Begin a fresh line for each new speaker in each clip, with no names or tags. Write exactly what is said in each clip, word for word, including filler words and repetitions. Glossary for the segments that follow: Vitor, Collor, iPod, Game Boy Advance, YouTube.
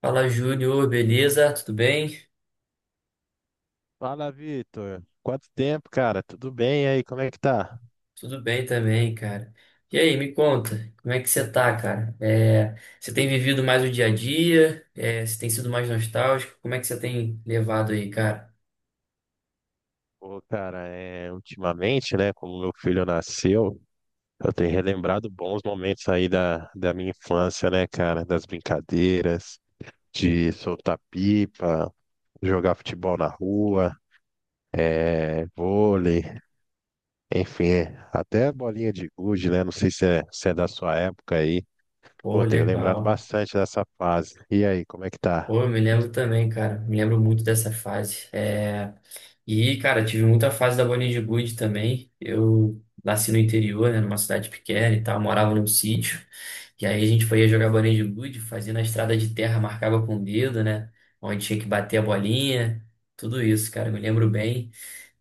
Fala, Júnior, beleza? Tudo bem?
Fala, Vitor. Quanto tempo, cara? Tudo bem? E aí, como é que tá?
Tudo bem também, cara. E aí, me conta, como é que você tá, cara? É, você tem vivido mais o dia a dia? É, você tem sido mais nostálgico? Como é que você tem levado aí, cara?
Pô, cara, é, ultimamente, né, como meu filho nasceu, eu tenho relembrado bons momentos aí da, da minha infância, né, cara? Das brincadeiras, de soltar pipa, jogar futebol na rua, é, vôlei, enfim, é, até bolinha de gude, né? Não sei se é, se é da sua época aí.
Pô,
Pô, tenho lembrado
legal.
bastante dessa fase. E aí, como é que tá?
Pô, eu me lembro também, cara. Me lembro muito dessa fase. É, E, cara, tive muita fase da Bolinha de Gude também. Eu nasci no interior, né, numa cidade pequena e tal, morava num sítio. E aí a gente foi jogar Bolinha de Gude, fazia na estrada de terra, marcava com o dedo, né? Onde tinha que bater a bolinha. Tudo isso, cara, me lembro bem.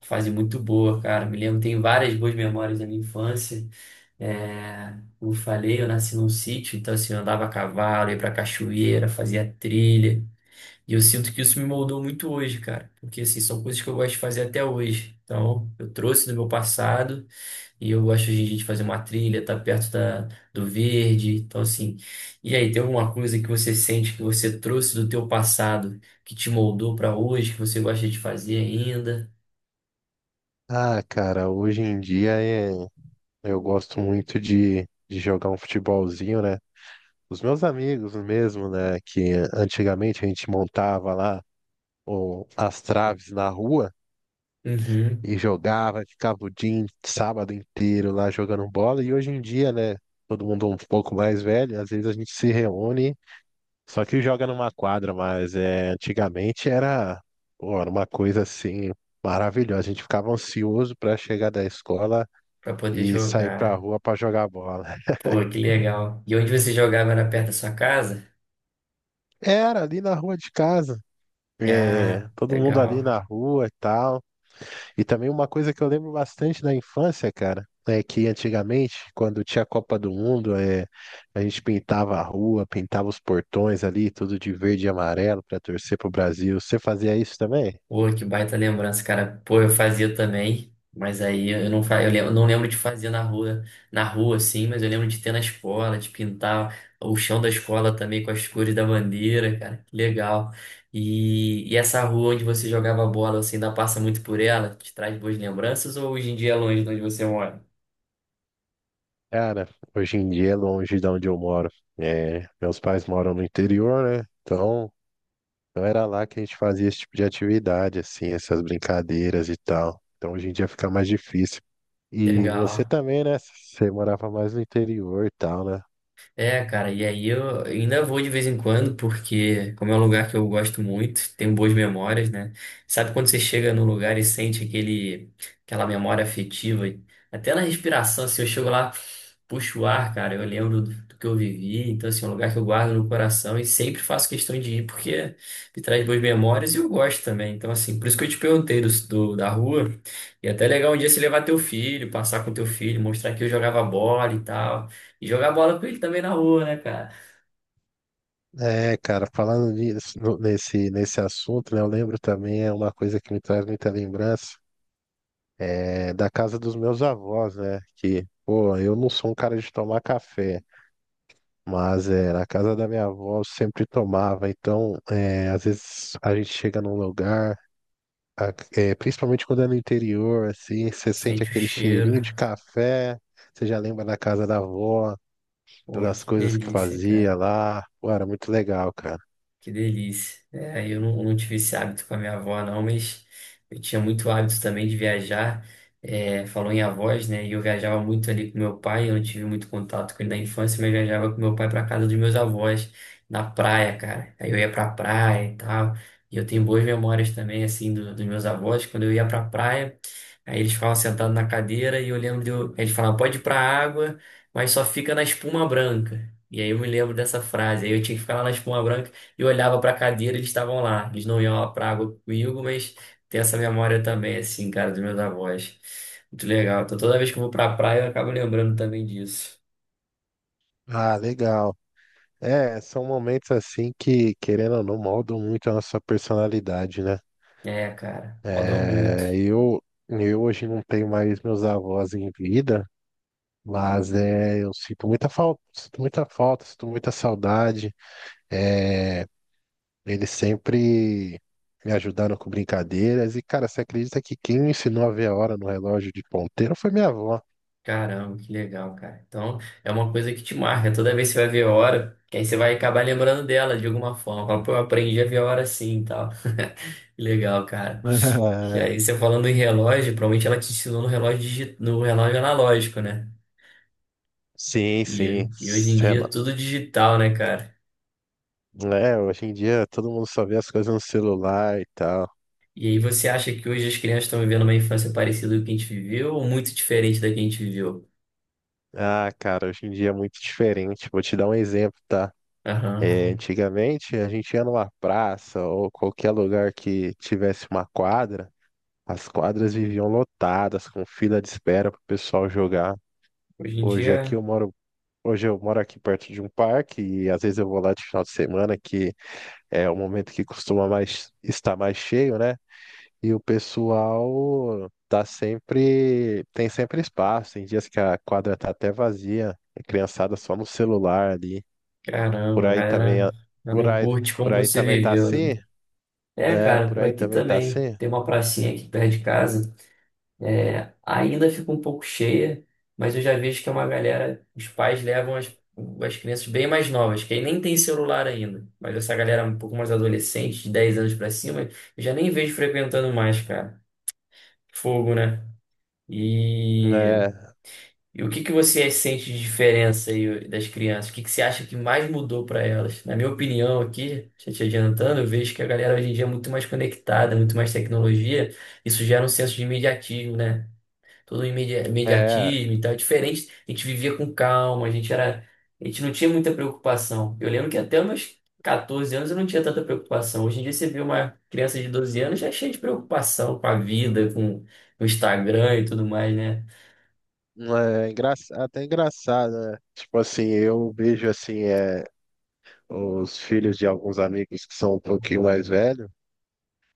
Fase muito boa, cara. Me lembro, tem várias boas memórias da minha infância. É, como eu falei, eu nasci num sítio, então assim, eu andava a cavalo, ia pra cachoeira, fazia trilha. E eu sinto que isso me moldou muito hoje, cara, porque assim, são coisas que eu gosto de fazer até hoje. Então, eu trouxe do meu passado e eu gosto hoje em dia de fazer uma trilha, estar perto da, do verde. Então, assim, e aí, tem alguma coisa que você sente que você trouxe do teu passado, que te moldou para hoje, que você gosta de fazer ainda?
Ah, cara, hoje em dia é. Eu gosto muito de, de jogar um futebolzinho, né? Os meus amigos mesmo, né? Que antigamente a gente montava lá o, as traves na rua
Uhum,
e jogava, ficava o dia, in- sábado inteiro lá jogando bola. E hoje em dia, né? Todo mundo um pouco mais velho, às vezes a gente se reúne, só que joga numa quadra, mas é, antigamente era, pô, era uma coisa assim maravilhosa. A gente ficava ansioso para chegar da escola
para poder
e sair pra
jogar.
rua para jogar bola.
Pô, que legal. E onde você jogava era perto da sua casa?
Era ali na rua de casa. É,
Ah,
todo mundo ali na
legal.
rua e tal. E também uma coisa que eu lembro bastante da infância, cara, é que antigamente, quando tinha a Copa do Mundo, é, a gente pintava a rua, pintava os portões ali, tudo de verde e amarelo pra torcer pro Brasil. Você fazia isso também?
Pô, que baita lembrança, cara. Pô, eu fazia também, mas aí eu não, fa... eu lem- eu não lembro de fazer na rua, na rua, assim, mas eu lembro de ter na escola, de pintar o chão da escola também com as cores da bandeira, cara. Que legal. E, e essa rua onde você jogava bola, você ainda passa muito por ela? Te traz boas lembranças ou hoje em dia é longe de onde você mora?
Cara, hoje em dia é longe de onde eu moro. É, meus pais moram no interior, né? Então, não era lá que a gente fazia esse tipo de atividade, assim, essas brincadeiras e tal. Então, hoje em dia fica mais difícil. E você
Legal.
também, né? Você morava mais no interior e tal, né?
É, cara, e aí eu ainda vou de vez em quando, porque como é um lugar que eu gosto muito, tenho boas memórias, né? Sabe quando você chega num lugar e sente aquele, aquela memória afetiva, até na respiração, assim, eu chego lá, puxo o ar, cara, eu lembro do, do que eu vivi, então, assim, é um lugar que eu guardo no coração e sempre faço questão de ir, porque me traz boas memórias e eu gosto também, então, assim, por isso que eu te perguntei do, do- da rua, e até é legal um dia você levar teu filho, passar com teu filho, mostrar que eu jogava bola e tal, e jogar bola com ele também na rua, né, cara?
É, cara, falando nisso, no- nesse, nesse assunto, né, eu lembro também, é uma coisa que me traz muita lembrança, é da casa dos meus avós, né? Que, pô, eu não sou um cara de tomar café, mas é, na casa da minha avó eu sempre tomava. Então, é, às vezes a gente chega num lugar, a- é, principalmente quando é no interior, assim, você sente
Sente o
aquele
cheiro.
cheirinho de café, você já lembra da casa da avó.
Pô,
Das
que
coisas que
delícia,
fazia
cara.
lá. Pô, era muito legal, cara.
Que delícia. É, eu não, não tive esse hábito com a minha avó, não, mas eu tinha muito hábito também de viajar. É, falou em avós, né? E eu viajava muito ali com meu pai. Eu não tive muito contato com ele na infância, mas viajava com meu pai para casa dos meus avós, na praia, cara. Aí eu ia pra praia e tal. E eu tenho boas memórias também, assim, do, dos meus avós. Quando eu ia pra praia, aí eles ficavam sentados na cadeira e eu lembro de eu, eles falavam, pode ir pra água, mas só fica na espuma branca. E aí eu me lembro dessa frase. Aí eu tinha que ficar lá na espuma branca eu olhava para a cadeira, eles estavam lá. Eles não iam lá para água comigo, mas tem essa memória também, assim, cara, dos meus avós. Muito legal. Então, toda vez que eu vou pra praia, eu acabo lembrando também disso.
Ah, legal. É, são momentos assim que, querendo ou não, moldam muito a nossa personalidade, né?
É, cara, rodou muito.
É, eu, eu hoje não tenho mais meus avós em vida, mas é, eu sinto muita falta, sinto muita falta, sinto muita saudade. Eles sempre me ajudaram com brincadeiras. E, cara, você acredita que quem me ensinou a ver a hora no relógio de ponteiro foi minha avó?
Caramba, que legal, cara. Então, é uma coisa que te marca. Toda vez que você vai ver a hora, que aí você vai acabar lembrando dela de alguma forma. Fala, Pô, eu aprendi a ver a hora assim e tal. Que legal, cara. E
É,
aí, você falando em relógio, provavelmente ela te ensinou no relógio, digi- no relógio analógico, né?
sim,
E,
sim.
e hoje em
Sei
dia é
lá.
tudo digital, né, cara?
É, hoje em dia todo mundo só vê as coisas no celular e tal.
E aí você acha que hoje as crianças estão vivendo uma infância parecida com a que a gente viveu ou muito diferente da que a gente viveu?
Ah, cara, hoje em dia é muito diferente. Vou te dar um exemplo, tá? É,
Aham.
antigamente a gente ia numa praça ou qualquer lugar que tivesse uma quadra, as quadras viviam lotadas, com fila de espera pro pessoal jogar.
Hoje em
Hoje aqui
dia,
eu moro, hoje eu moro aqui perto de um parque e às vezes eu vou lá de final de semana, que é o momento que costuma mais estar mais cheio, né? E o pessoal tá sempre, tem sempre espaço. Tem dias que a quadra tá até vazia, a criançada só no celular ali. Por
caramba, a
aí também,
galera
a-
já
por
não
aí,
curte como
por aí
você
também tá
viveu, né?
assim?
É,
É,
cara,
por
por
aí
aqui
também tá
também.
assim?
Tem uma pracinha aqui perto de casa. É, ainda fica um pouco cheia, mas eu já vejo que é uma galera, os pais levam as, as crianças bem mais novas, que aí nem tem celular ainda. Mas essa galera um pouco mais adolescente, de dez anos pra cima, eu já nem vejo frequentando mais, cara. Fogo, né? E,
É,
e o que que você sente de diferença aí das crianças? O que que você acha que mais mudou pra elas? Na minha opinião aqui, já te adiantando, eu vejo que a galera hoje em dia é muito mais conectada, muito mais tecnologia. Isso gera um senso de imediatismo, né? Tudo imedi-
é,
imediatismo e tal, é diferente. A gente vivia com calma, a gente era, a gente não tinha muita preocupação. Eu lembro que até os meus catorze anos eu não tinha tanta preocupação. Hoje em dia você vê uma criança de doze anos já é cheia de preocupação com a vida, com o Instagram e tudo mais, né?
é engra- até engraçado, né? Tipo assim, eu vejo assim, é, os filhos de alguns amigos que são um pouquinho mais velhos.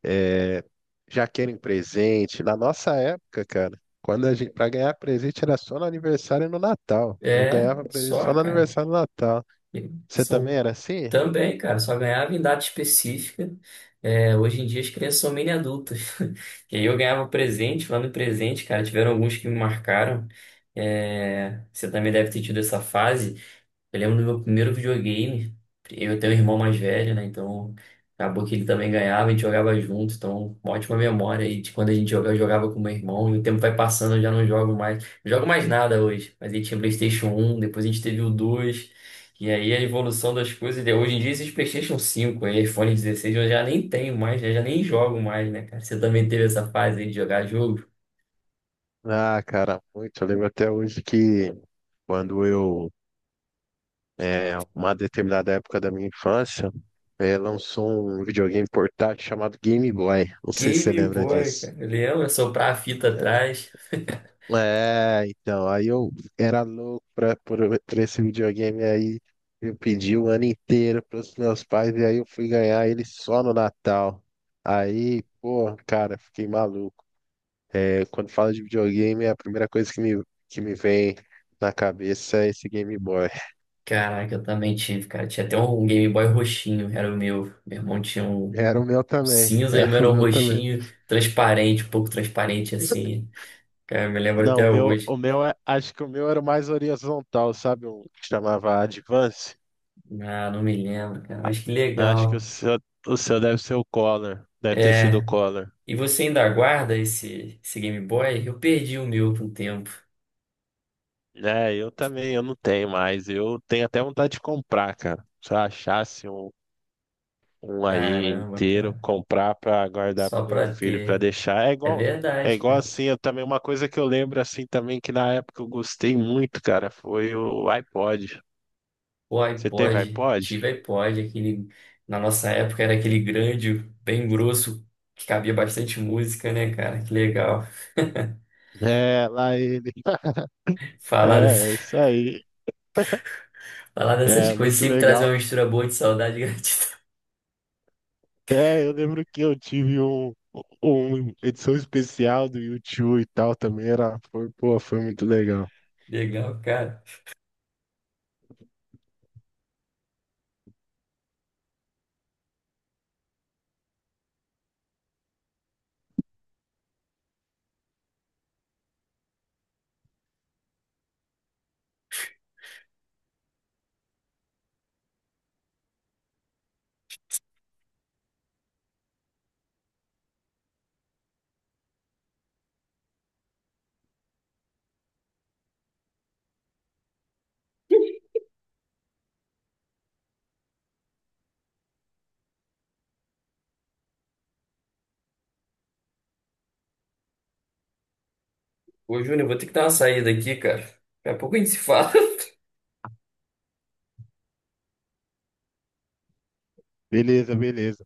É, já querem presente. Na nossa época, cara, quando a gente, para ganhar presente era só no aniversário e no Natal. Eu
É,
ganhava presente
só,
só no
cara.
aniversário e no Natal. Você também
São
era assim?
Também, cara, só ganhava em data específica. É, hoje em dia as crianças são mini adultas. E aí eu ganhava presente, falando em presente, cara, tiveram alguns que me marcaram. É, você também deve ter tido essa fase. Eu lembro do meu primeiro videogame. Eu tenho um irmão mais velho, né? Então acabou que ele também ganhava, a gente jogava junto. Então, uma ótima memória aí de quando a gente jogava, eu jogava com meu irmão. E o tempo vai passando, eu já não jogo mais. Não jogo mais nada hoje. Mas aí tinha PlayStation um depois a gente teve o dois. E aí a evolução das coisas. Né? Hoje em dia esses PlayStation cinco aí, iPhone dezesseis eu já nem tenho mais, né? Já nem jogo mais, né, cara? Você também teve essa fase aí de jogar jogo?
Ah, cara, muito. Eu lembro até hoje que quando eu, é, uma determinada época da minha infância, é, lançou um videogame portátil chamado Game Boy. Não sei se você
Game
lembra
Boy,
disso.
cara. Eu lembro, soprar a fita atrás.
É, então, aí eu era louco pra, por, por esse videogame aí. Eu pedi o ano inteiro pros meus pais e aí eu fui ganhar ele só no Natal. Aí, pô, cara, fiquei maluco. É, quando falo de videogame, a primeira coisa que me, que me vem na cabeça é esse Game Boy.
Caraca, eu também tive, cara. Tinha até um Game Boy roxinho, era o meu. Meu irmão tinha um
Era o meu também,
cinza e o
era
meu
o
era um
meu também.
roxinho, transparente, um pouco transparente assim. Cara, eu me lembro
Não, o
até
meu, o
hoje.
meu, é- acho que o meu era o mais horizontal, sabe? Um que chamava Advance.
Ah, não me lembro, cara, mas que
Acho que o
legal.
seu, o seu deve ser o Collor. Deve ter sido o
É,
Collor.
e você ainda aguarda esse, esse Game Boy? Eu perdi o meu por um tempo.
É, eu também, eu não tenho mais. Eu tenho até vontade de comprar, cara. Se eu achasse um, um aí
Caramba,
inteiro,
cara,
comprar pra guardar pro
só
meu
pra
filho, pra
ter.
deixar. É
É
igual, é
verdade,
igual
cara.
assim, eu também, uma coisa que eu lembro assim também, que na época eu gostei muito, cara, foi o iPod.
O
Você teve
iPod,
iPod?
tive iPod, aquele, na nossa época era aquele grande, bem grosso, que cabia bastante música, né, cara? Que legal.
É, lá ele.
Falar, dessa-
É, é isso aí.
Falar dessas
É,
coisas
muito
sempre traz uma
legal.
mistura boa de saudade e gratidão.
É, eu lembro que eu tive um, um edição especial do YouTube e tal também, era, foi, pô, foi muito legal.
Legal, cara. Ô, Júnior, eu vou ter que dar uma saída aqui, cara. Daqui a pouco a gente se fala.
Beleza, beleza.